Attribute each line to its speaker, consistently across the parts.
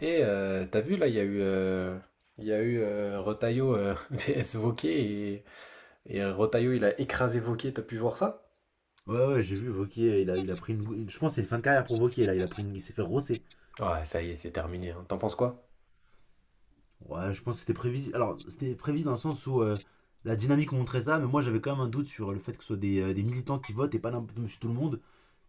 Speaker 1: Et t'as vu là, il y a eu, Retailleau vs Wauquiez et Retailleau il a écrasé Wauquiez, t'as pu voir ça?
Speaker 2: Ouais, ouais, j'ai vu Vauquier, il a pris. Je pense que c'est une fin de carrière pour Vauquier, là. Il, a pris une- il s'est fait rosser.
Speaker 1: Ouais, ça y est, c'est terminé, hein. T'en penses quoi?
Speaker 2: Ouais, je pense que c'était prévisible. Alors, c'était prévisible dans le sens où la dynamique montrait ça, mais moi j'avais quand même un doute sur le fait que ce soit des militants qui votent et pas monsieur tout le monde.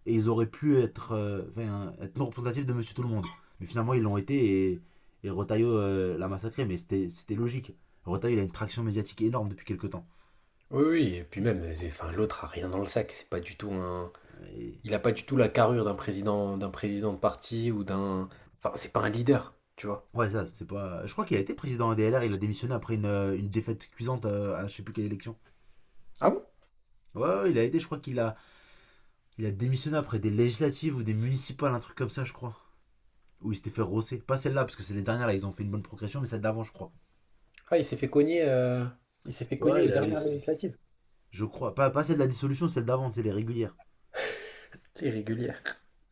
Speaker 2: Et ils auraient pu être, enfin, être non représentatifs de monsieur tout le monde. Mais finalement, ils l'ont été et Rotaillot l'a massacré, mais c'était logique. Rotaillot, il a une traction médiatique énorme depuis quelques temps.
Speaker 1: Oui, oui, et puis même, enfin, l'autre a rien dans le sac. C'est pas du tout un.
Speaker 2: Euh, et-
Speaker 1: Il a pas du tout la carrure d'un président de parti ou d'un, enfin, c'est pas un leader, tu vois.
Speaker 2: Ouais, ça, c'est pas. Je crois qu'il a été président DLR, il a démissionné après une défaite cuisante à je sais plus quelle élection.
Speaker 1: Ah bon?
Speaker 2: Ouais, ouais, il a aidé, je crois qu'il a, il a démissionné après des législatives ou des municipales, un truc comme ça, je crois. Où il s'était fait rosser. Pas celle-là, parce que c'est les dernières, là, ils ont fait une bonne progression, mais celle d'avant, je crois.
Speaker 1: Ah, il s'est fait cogner
Speaker 2: Ouais,
Speaker 1: aux dernières législatives.
Speaker 2: je crois. Pas celle de la dissolution, celle d'avant, c'est les régulières.
Speaker 1: Irrégulier.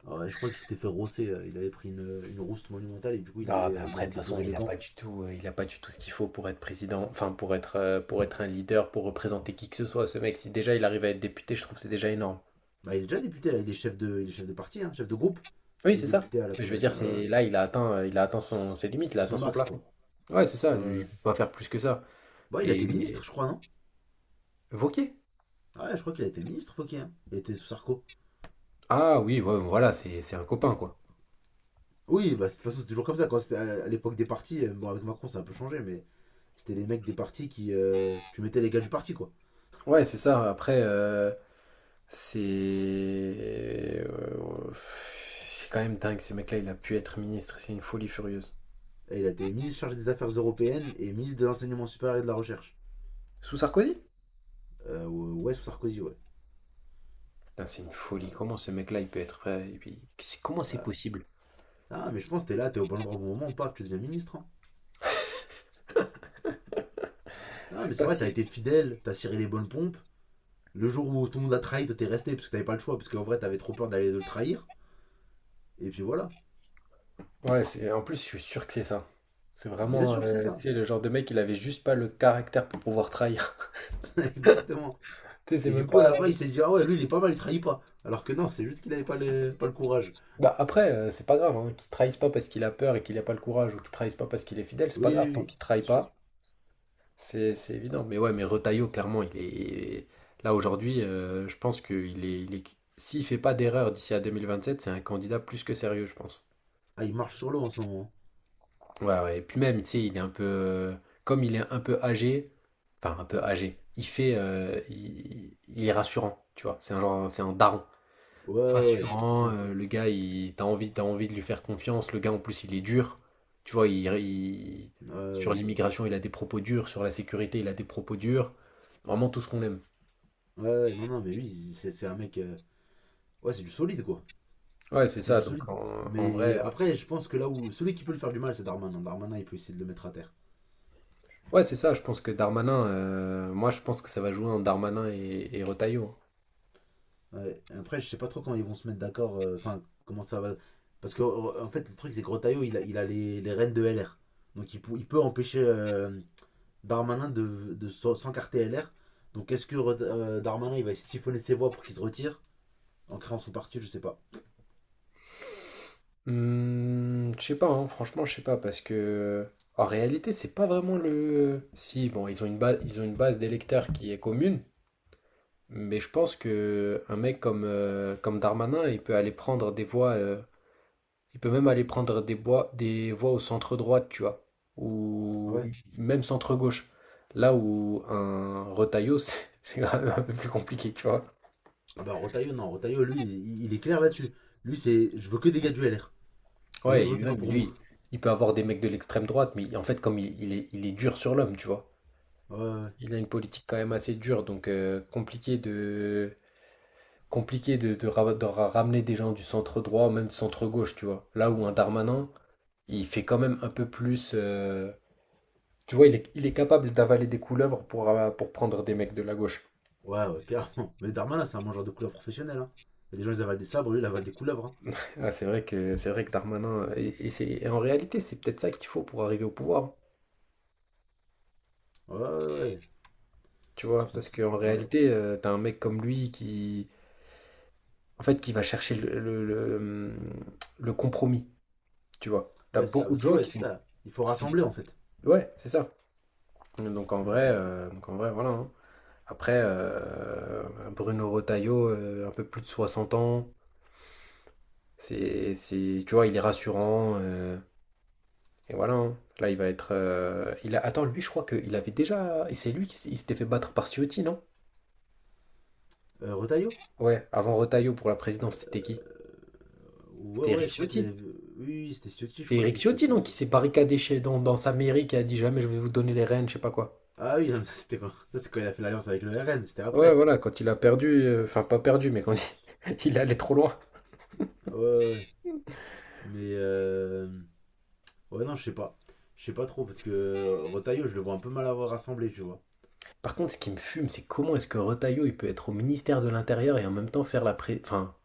Speaker 2: Ouais, je crois qu'il s'était fait rosser. Il avait pris une rouste monumentale et du coup, il
Speaker 1: Ah,
Speaker 2: avait,
Speaker 1: bah,
Speaker 2: euh, il
Speaker 1: après,
Speaker 2: avait
Speaker 1: de toute façon,
Speaker 2: déposé les gants.
Speaker 1: il a pas du tout ce qu'il faut pour être président, enfin pour être un leader, pour représenter qui que ce soit. Ce mec, si déjà il arrive à être député, je trouve que c'est déjà énorme.
Speaker 2: Bah, il est déjà député, là, il est chef de parti, hein, chef de groupe.
Speaker 1: Oui,
Speaker 2: Des
Speaker 1: c'est ça.
Speaker 2: députés à
Speaker 1: Mais je veux
Speaker 2: l'Assemblée
Speaker 1: dire,
Speaker 2: nationale, ouais.
Speaker 1: c'est là, il a atteint son,
Speaker 2: C'est-
Speaker 1: ses limites, il a
Speaker 2: C'est
Speaker 1: atteint
Speaker 2: son
Speaker 1: son
Speaker 2: max, quoi.
Speaker 1: plafond. Ouais, c'est ça.
Speaker 2: Ouais. Ouais.
Speaker 1: Il peut pas faire plus que ça.
Speaker 2: Bah, il a été ministre,
Speaker 1: Et
Speaker 2: je crois, non?
Speaker 1: Wauquiez?
Speaker 2: Ouais, je crois qu'il a été ministre, Fauquier, hein. Il était sous Sarko.
Speaker 1: Ah oui, ouais, voilà, c'est un copain quoi.
Speaker 2: Oui, bah, de toute façon, c'est toujours comme ça. Quand c'était à l'époque des partis, bon, avec Macron, ça a un peu changé, mais c'était les mecs des partis qui. Tu mettais les gars du parti, quoi.
Speaker 1: Ouais, c'est ça. Après, c'est quand même dingue. Ce mec-là, il a pu être ministre. C'est une folie furieuse.
Speaker 2: Et il a été ministre chargé des Affaires européennes et ministre de l'Enseignement supérieur et de la Recherche.
Speaker 1: Sous Sarkozy?
Speaker 2: Ouais, sous Sarkozy, ouais.
Speaker 1: Putain, c'est une folie.
Speaker 2: Euh,
Speaker 1: Comment ce mec-là, il peut être prêt? Et puis, comment c'est
Speaker 2: là-
Speaker 1: possible?
Speaker 2: ah, mais je pense que t'es là, t'es au bon endroit au bon moment, paf, tu deviens ministre. Hein. Non,
Speaker 1: C'est
Speaker 2: mais c'est
Speaker 1: pas
Speaker 2: vrai, t'as
Speaker 1: si.
Speaker 2: été fidèle, t'as ciré les bonnes pompes. Le jour où tout le monde a trahi, toi t'es resté parce que t'avais pas le choix, parce qu'en vrai, t'avais trop peur d'aller le trahir. Et puis voilà.
Speaker 1: Ouais, En plus, je suis sûr que c'est ça. C'est
Speaker 2: Bien
Speaker 1: vraiment,
Speaker 2: sûr que c'est
Speaker 1: tu
Speaker 2: ça.
Speaker 1: sais, le genre de mec, il avait juste pas le caractère pour pouvoir trahir.
Speaker 2: Exactement.
Speaker 1: Tu sais, c'est
Speaker 2: Et du
Speaker 1: même
Speaker 2: coup, à
Speaker 1: pas.
Speaker 2: la fin, il s'est dit, ah ouais, lui, il est pas mal, il trahit pas. Alors que non, c'est juste qu'il avait pas le courage.
Speaker 1: Bah, après, c'est pas grave, hein, qu'il trahisse pas parce qu'il a peur et qu'il a pas le courage ou qu'il trahisse pas parce qu'il est fidèle, c'est
Speaker 2: Oui,
Speaker 1: pas
Speaker 2: oui,
Speaker 1: grave. Tant
Speaker 2: oui,
Speaker 1: qu'il
Speaker 2: c'est
Speaker 1: trahit
Speaker 2: sûr.
Speaker 1: pas, c'est évident. Mais ouais, mais Retailleau, clairement, il est. Là, aujourd'hui, je pense qu'il est. S'il fait pas d'erreur d'ici à 2027, c'est un candidat plus que sérieux, je pense.
Speaker 2: Ah, il marche sur l'eau en ce moment.
Speaker 1: Ouais, ouais. Et puis même, tu sais, il est un peu, comme il est un peu âgé, enfin, un peu âgé, il fait, il est rassurant, tu vois. C'est un genre. C'est un daron.
Speaker 2: Ouais, ouais, ouais, c'est
Speaker 1: Rassurant,
Speaker 2: ça.
Speaker 1: le gars, il, t'as envie de lui faire confiance. Le gars, en plus, il est dur. Tu vois,
Speaker 2: Ouais,
Speaker 1: sur
Speaker 2: ouais.
Speaker 1: l'immigration, il a des propos durs. Sur la sécurité, il a des propos durs. Vraiment tout ce qu'on aime.
Speaker 2: Ouais, ouais, ouais, non, non, mais oui, c'est un mec. Ouais, c'est du solide, quoi.
Speaker 1: Ouais, c'est
Speaker 2: C'est
Speaker 1: ça.
Speaker 2: du
Speaker 1: Donc,
Speaker 2: solide.
Speaker 1: en
Speaker 2: Mais
Speaker 1: vrai.
Speaker 2: après, je pense que là où. Celui qui peut le faire du mal, c'est Darmanin. Darmanin, il peut essayer de le mettre à terre.
Speaker 1: Ouais, c'est ça. Je pense que Darmanin, moi, je pense que ça va jouer en Darmanin et Retailleau, hein.
Speaker 2: Ouais. Après, je sais pas trop quand ils vont se mettre d'accord. Enfin, comment ça va. Parce que, en fait, le truc, c'est que Rotaillot, il a les rênes de LR. Donc, il peut empêcher Darmanin de s'encarter LR. Donc est-ce que Darmanin il va siphonner ses voix pour qu'il se retire en créant son parti? Je sais pas.
Speaker 1: Mmh, je sais pas, hein, franchement, je sais pas, parce que en réalité, c'est pas vraiment le. Si, bon, ils ont une base, ils ont une base d'électeurs qui est commune, mais je pense que un mec comme Darmanin, il peut aller prendre des voix, il peut même aller prendre des voix au centre droite, tu vois, ou
Speaker 2: Ouais.
Speaker 1: même centre gauche, là où un Retailleau, c'est quand même un peu plus compliqué, tu vois.
Speaker 2: Ah bah Rotaillot, non, Rotaillot, lui, il est clair là-dessus. Lui, c'est je veux que des gars du LR. Les autres,
Speaker 1: Ouais, et
Speaker 2: votez pas
Speaker 1: même
Speaker 2: pour moi.
Speaker 1: lui, il peut avoir des mecs de l'extrême droite, mais en fait, comme il est dur sur l'homme, tu vois.
Speaker 2: Ouais, ouais,
Speaker 1: Il a une politique quand même assez dure, donc compliqué de, ramener des gens du centre droit même du centre gauche, tu vois. Là où un Darmanin, il fait quand même un peu plus, tu vois, il est capable d'avaler des couleuvres pour prendre des mecs de la gauche.
Speaker 2: ouais, ouais clairement. Mais Darmanin, c'est un mangeur de couleurs professionnel. Hein. Il y a des gens, ils avalent des sabres, lui, il avale des couleuvres. Hein.
Speaker 1: Ah, c'est vrai que Darmanin. Et en réalité, c'est peut-être ça qu'il faut pour arriver au pouvoir.
Speaker 2: Ouais, ouais, ouais. Ouais.
Speaker 1: Tu
Speaker 2: C'est
Speaker 1: vois, parce
Speaker 2: peut-être.
Speaker 1: qu'en
Speaker 2: Ouais,
Speaker 1: réalité, t'as un mec comme lui qui. En fait, qui va chercher le compromis, tu vois. T'as
Speaker 2: ouais, ça.
Speaker 1: beaucoup de
Speaker 2: Parce que,
Speaker 1: gens
Speaker 2: ouais,
Speaker 1: qui
Speaker 2: c'est
Speaker 1: sont,
Speaker 2: ça. Il faut
Speaker 1: qui sont
Speaker 2: rassembler, en fait.
Speaker 1: Ouais, c'est ça. Donc en vrai,
Speaker 2: Mm.
Speaker 1: voilà, hein. Après, Bruno Retailleau, un peu plus de 60 ans, c'est, tu vois, il est rassurant, et voilà, hein. Là, il va être, il a, attends, lui, je crois qu'il avait déjà. Et c'est lui qui il s'était fait battre par Ciotti, non?
Speaker 2: Rotaillot.
Speaker 1: Ouais, avant Retailleau pour la présidence, c'était qui?
Speaker 2: Ouais,
Speaker 1: C'était
Speaker 2: ouais,
Speaker 1: Eric
Speaker 2: je crois qu'il
Speaker 1: Ciotti.
Speaker 2: avait. Oui, oui c'était Ciotti, je
Speaker 1: C'est
Speaker 2: crois
Speaker 1: Eric
Speaker 2: qu'il s'était
Speaker 1: Ciotti,
Speaker 2: fait.
Speaker 1: non, qui s'est barricadé chez, dans sa mairie, qui a dit jamais je vais vous donner les rênes, je sais pas quoi.
Speaker 2: Ah oui, non, ça, c'est quand il a fait l'alliance avec le RN, c'était
Speaker 1: Ouais,
Speaker 2: après.
Speaker 1: voilà, quand il a perdu, enfin pas perdu, mais quand il, il allait trop loin.
Speaker 2: Ouais, ouais, ouais. Mais ouais, non, je sais pas. Je sais pas trop parce que Rotaillot, je le vois un peu mal avoir rassemblé, tu vois.
Speaker 1: Par contre, ce qui me fume, c'est comment est-ce que Retailleau, il peut être au ministère de l'Intérieur et en même temps enfin,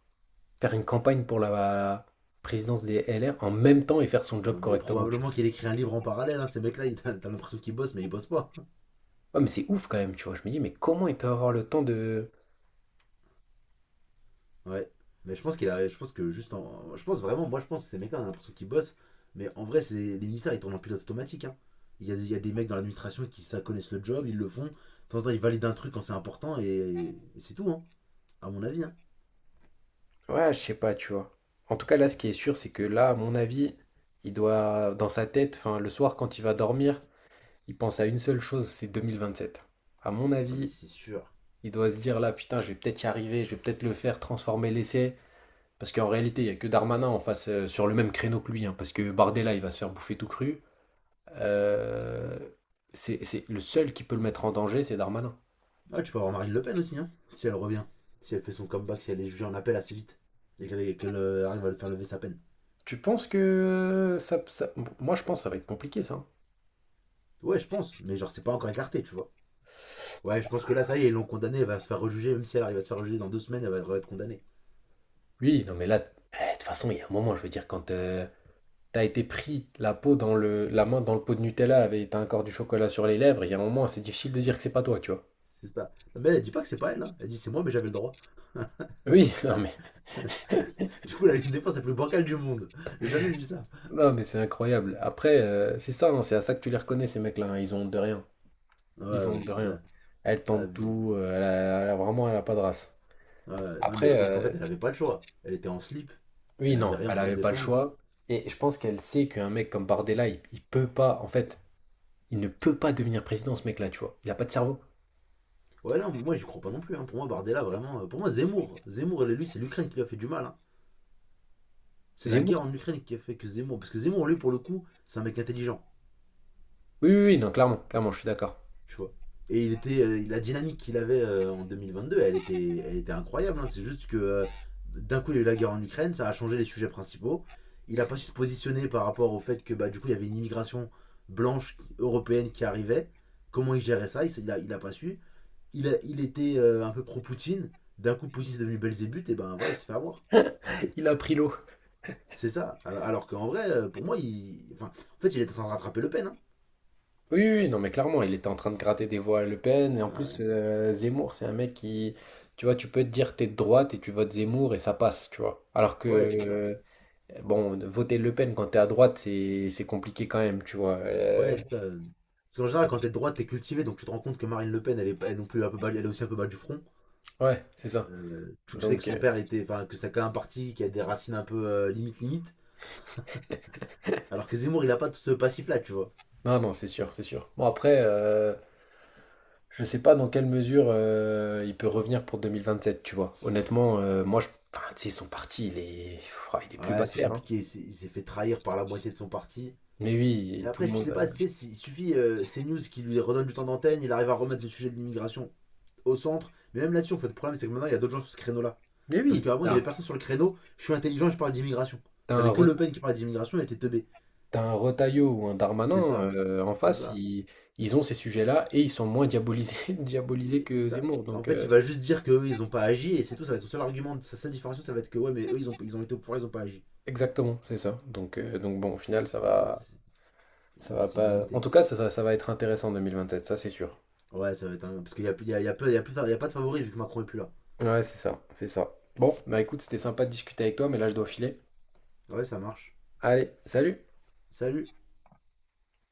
Speaker 1: faire une campagne pour la présidence des LR en même temps et faire son job
Speaker 2: Non, mais
Speaker 1: correctement, tu vois.
Speaker 2: probablement qu'il écrit un livre en parallèle, hein, ces mecs-là, t'as l'impression qu'ils bossent, mais ils bossent pas.
Speaker 1: Ouais, mais c'est ouf quand même, tu vois. Je me dis, mais comment il peut avoir le temps de...
Speaker 2: Ouais. Mais je pense vraiment, moi je pense que ces mecs-là, on a l'impression qu'ils bossent, mais en vrai, c'est les ministères, ils tournent en pilote automatique, hein. Il y a des mecs dans l'administration qui ça connaissent le job, ils le font. De temps en temps, ils valident un truc quand c'est important et c'est tout, hein. À mon avis, hein.
Speaker 1: Ouais, je sais pas, tu vois. En tout cas, là, ce qui est sûr, c'est que là, à mon avis, il doit, dans sa tête, enfin, le soir, quand il va dormir, il pense à une seule chose, c'est 2027. À mon
Speaker 2: Ah, mais
Speaker 1: avis,
Speaker 2: c'est sûr.
Speaker 1: il doit se dire là, putain, je vais peut-être y arriver, je vais peut-être le faire, transformer l'essai. Parce qu'en réalité, il n'y a que Darmanin en face sur le même créneau que lui, hein, parce que Bardella, il va se faire bouffer tout cru. Euh, c'est le seul qui peut le mettre en danger, c'est Darmanin.
Speaker 2: Ah, tu peux avoir Marine Le Pen aussi, hein, si elle revient. Si elle fait son comeback, si elle est jugée en appel assez vite. Et qu'elle arrive à le faire lever sa peine.
Speaker 1: Tu penses que moi je pense que ça va être compliqué ça, hein.
Speaker 2: Ouais, je pense, mais genre, c'est pas encore écarté, tu vois. Ouais, je pense que là, ça y est, ils l'ont condamnée, elle va se faire rejuger, même si elle arrive à se faire rejuger dans 2 semaines, elle va être condamnée.
Speaker 1: Oui, non mais là, de toute façon, il y a un moment, je veux dire, quand t'as été pris la peau dans le, la main dans le pot de Nutella avec t'as encore du chocolat sur les lèvres, il y a un moment, c'est difficile de dire que c'est pas toi, tu vois.
Speaker 2: C'est ça. Mais elle, elle dit pas que c'est pas elle, hein. Elle dit c'est moi, mais j'avais le droit.
Speaker 1: Oui, non mais,
Speaker 2: Du coup, elle a une défense la plus bancale du monde. J'ai jamais vu ça.
Speaker 1: non mais c'est incroyable. Après, c'est ça, hein, c'est à ça que tu les reconnais ces mecs-là, hein, ils ont honte de rien.
Speaker 2: Ouais,
Speaker 1: Ils ont
Speaker 2: ouais,
Speaker 1: de
Speaker 2: c'est
Speaker 1: rien.
Speaker 2: ça.
Speaker 1: Elle tente
Speaker 2: Abusé.
Speaker 1: tout, elle a vraiment, elle a pas de race.
Speaker 2: Ouais, ouais. Non, mais je
Speaker 1: Après,
Speaker 2: pense qu'en fait, elle avait pas le choix. Elle était en slip,
Speaker 1: oui,
Speaker 2: elle avait
Speaker 1: non,
Speaker 2: rien
Speaker 1: elle
Speaker 2: pour se
Speaker 1: avait pas le
Speaker 2: défendre.
Speaker 1: choix. Et je pense qu'elle sait qu'un mec comme Bardella, il peut pas, en fait, il ne peut pas devenir président, ce mec-là, tu vois. Il a pas de cerveau.
Speaker 2: Ouais, non, moi, j'y crois pas non plus. Hein. Pour moi, Bardella, vraiment. Pour moi, Zemmour. Zemmour, lui, c'est l'Ukraine qui lui a fait du mal, hein. C'est la guerre
Speaker 1: Zemmour?
Speaker 2: en Ukraine qui a fait que Zemmour. Parce que Zemmour, lui, pour le coup, c'est un mec intelligent,
Speaker 1: Oui, oui, oui, non, clairement, clairement, je suis d'accord.
Speaker 2: tu vois. Et il était, la dynamique qu'il avait en 2022, elle était incroyable, hein. C'est juste que d'un coup, il y a eu la guerre en Ukraine, ça a changé les sujets principaux. Il a pas su se positionner par rapport au fait que bah, du coup, il y avait une immigration blanche européenne qui arrivait. Comment il gérait ça? Il a pas su. Il était un peu pro-Poutine. D'un coup, Poutine est devenu Belzébuth, et ben voilà, il s'est fait avoir.
Speaker 1: Il a pris l'eau.
Speaker 2: C'est ça. Alors qu'en vrai, pour moi, il. Enfin, en fait, il est en train de rattraper Le Pen, hein.
Speaker 1: Oui, oui, oui, non, mais clairement, il était en train de gratter des voix à Le Pen. Et en plus,
Speaker 2: Ouais.
Speaker 1: Zemmour, c'est un mec qui, tu vois, tu peux te dire t'es de droite et tu votes Zemmour et ça passe, tu vois. Alors que
Speaker 2: Ouais, c'est ça.
Speaker 1: euh, Bon, voter Le Pen quand t'es à droite, c'est compliqué quand même, tu vois.
Speaker 2: Ouais, ça. Parce qu'en général, quand t'es de droite, t'es cultivé, donc tu te rends compte que Marine Le Pen, elle est non plus un peu bas- elle est aussi un peu bas du front.
Speaker 1: Ouais, c'est ça.
Speaker 2: Tu sais que
Speaker 1: Donc,
Speaker 2: son père était, enfin, que c'est quand même un parti qui a des racines un peu limite limite, alors que Zemmour, il a pas tout ce passif-là, tu vois.
Speaker 1: non, non, c'est sûr, c'est sûr. Bon, après, je sais pas dans quelle mesure il peut revenir pour 2027, tu vois. Honnêtement, moi, je... enfin, tu sais, son parti, il est... Ouah, il est plus bas
Speaker 2: Ouais,
Speaker 1: de
Speaker 2: c'est
Speaker 1: terre, hein.
Speaker 2: compliqué. Il s'est fait trahir par la moitié de son parti.
Speaker 1: Mais
Speaker 2: Mais
Speaker 1: oui, tout le
Speaker 2: après, tu
Speaker 1: monde...
Speaker 2: sais pas, tu sais, il suffit CNews qui lui redonne du temps d'antenne, il arrive à remettre le sujet de l'immigration au centre. Mais même là-dessus, en fait, le problème, c'est que maintenant, il y a d'autres gens sur ce créneau-là.
Speaker 1: Mais
Speaker 2: Parce
Speaker 1: oui,
Speaker 2: qu'avant, il y avait personne sur le créneau. Je suis intelligent et je parle d'immigration.
Speaker 1: t'as un,
Speaker 2: T'avais que
Speaker 1: Re-
Speaker 2: Le Pen qui parlait d'immigration et était teubé.
Speaker 1: t'as un Retailleau ou un
Speaker 2: C'est
Speaker 1: Darmanin
Speaker 2: ça.
Speaker 1: en
Speaker 2: C'est
Speaker 1: face,
Speaker 2: ça.
Speaker 1: ils ont ces sujets-là et ils sont moins diabolisés, diabolisés
Speaker 2: C'est
Speaker 1: que
Speaker 2: ça.
Speaker 1: Zemmour.
Speaker 2: Et en
Speaker 1: Donc,
Speaker 2: fait, il va juste dire qu'eux, ils ont pas agi et c'est tout. Ça va être son seul argument. Sa seule différenciation, ça va être que ouais, mais eux, ils ont été au pouvoir, ils ont pas agi.
Speaker 1: exactement, c'est ça. Donc, donc bon, au final,
Speaker 2: Donc, ouais,
Speaker 1: ça va
Speaker 2: c'est
Speaker 1: pas. En
Speaker 2: limité.
Speaker 1: tout cas, ça va être intéressant en 2027, ça c'est sûr.
Speaker 2: Ouais, ça va être un. Parce qu'il y a, il y a pas de favori vu que Macron est plus là.
Speaker 1: Ouais, c'est ça, c'est ça. Bon, bah écoute, c'était sympa de discuter avec toi, mais là je dois filer.
Speaker 2: Ouais, ça marche.
Speaker 1: Allez, salut!
Speaker 2: Salut.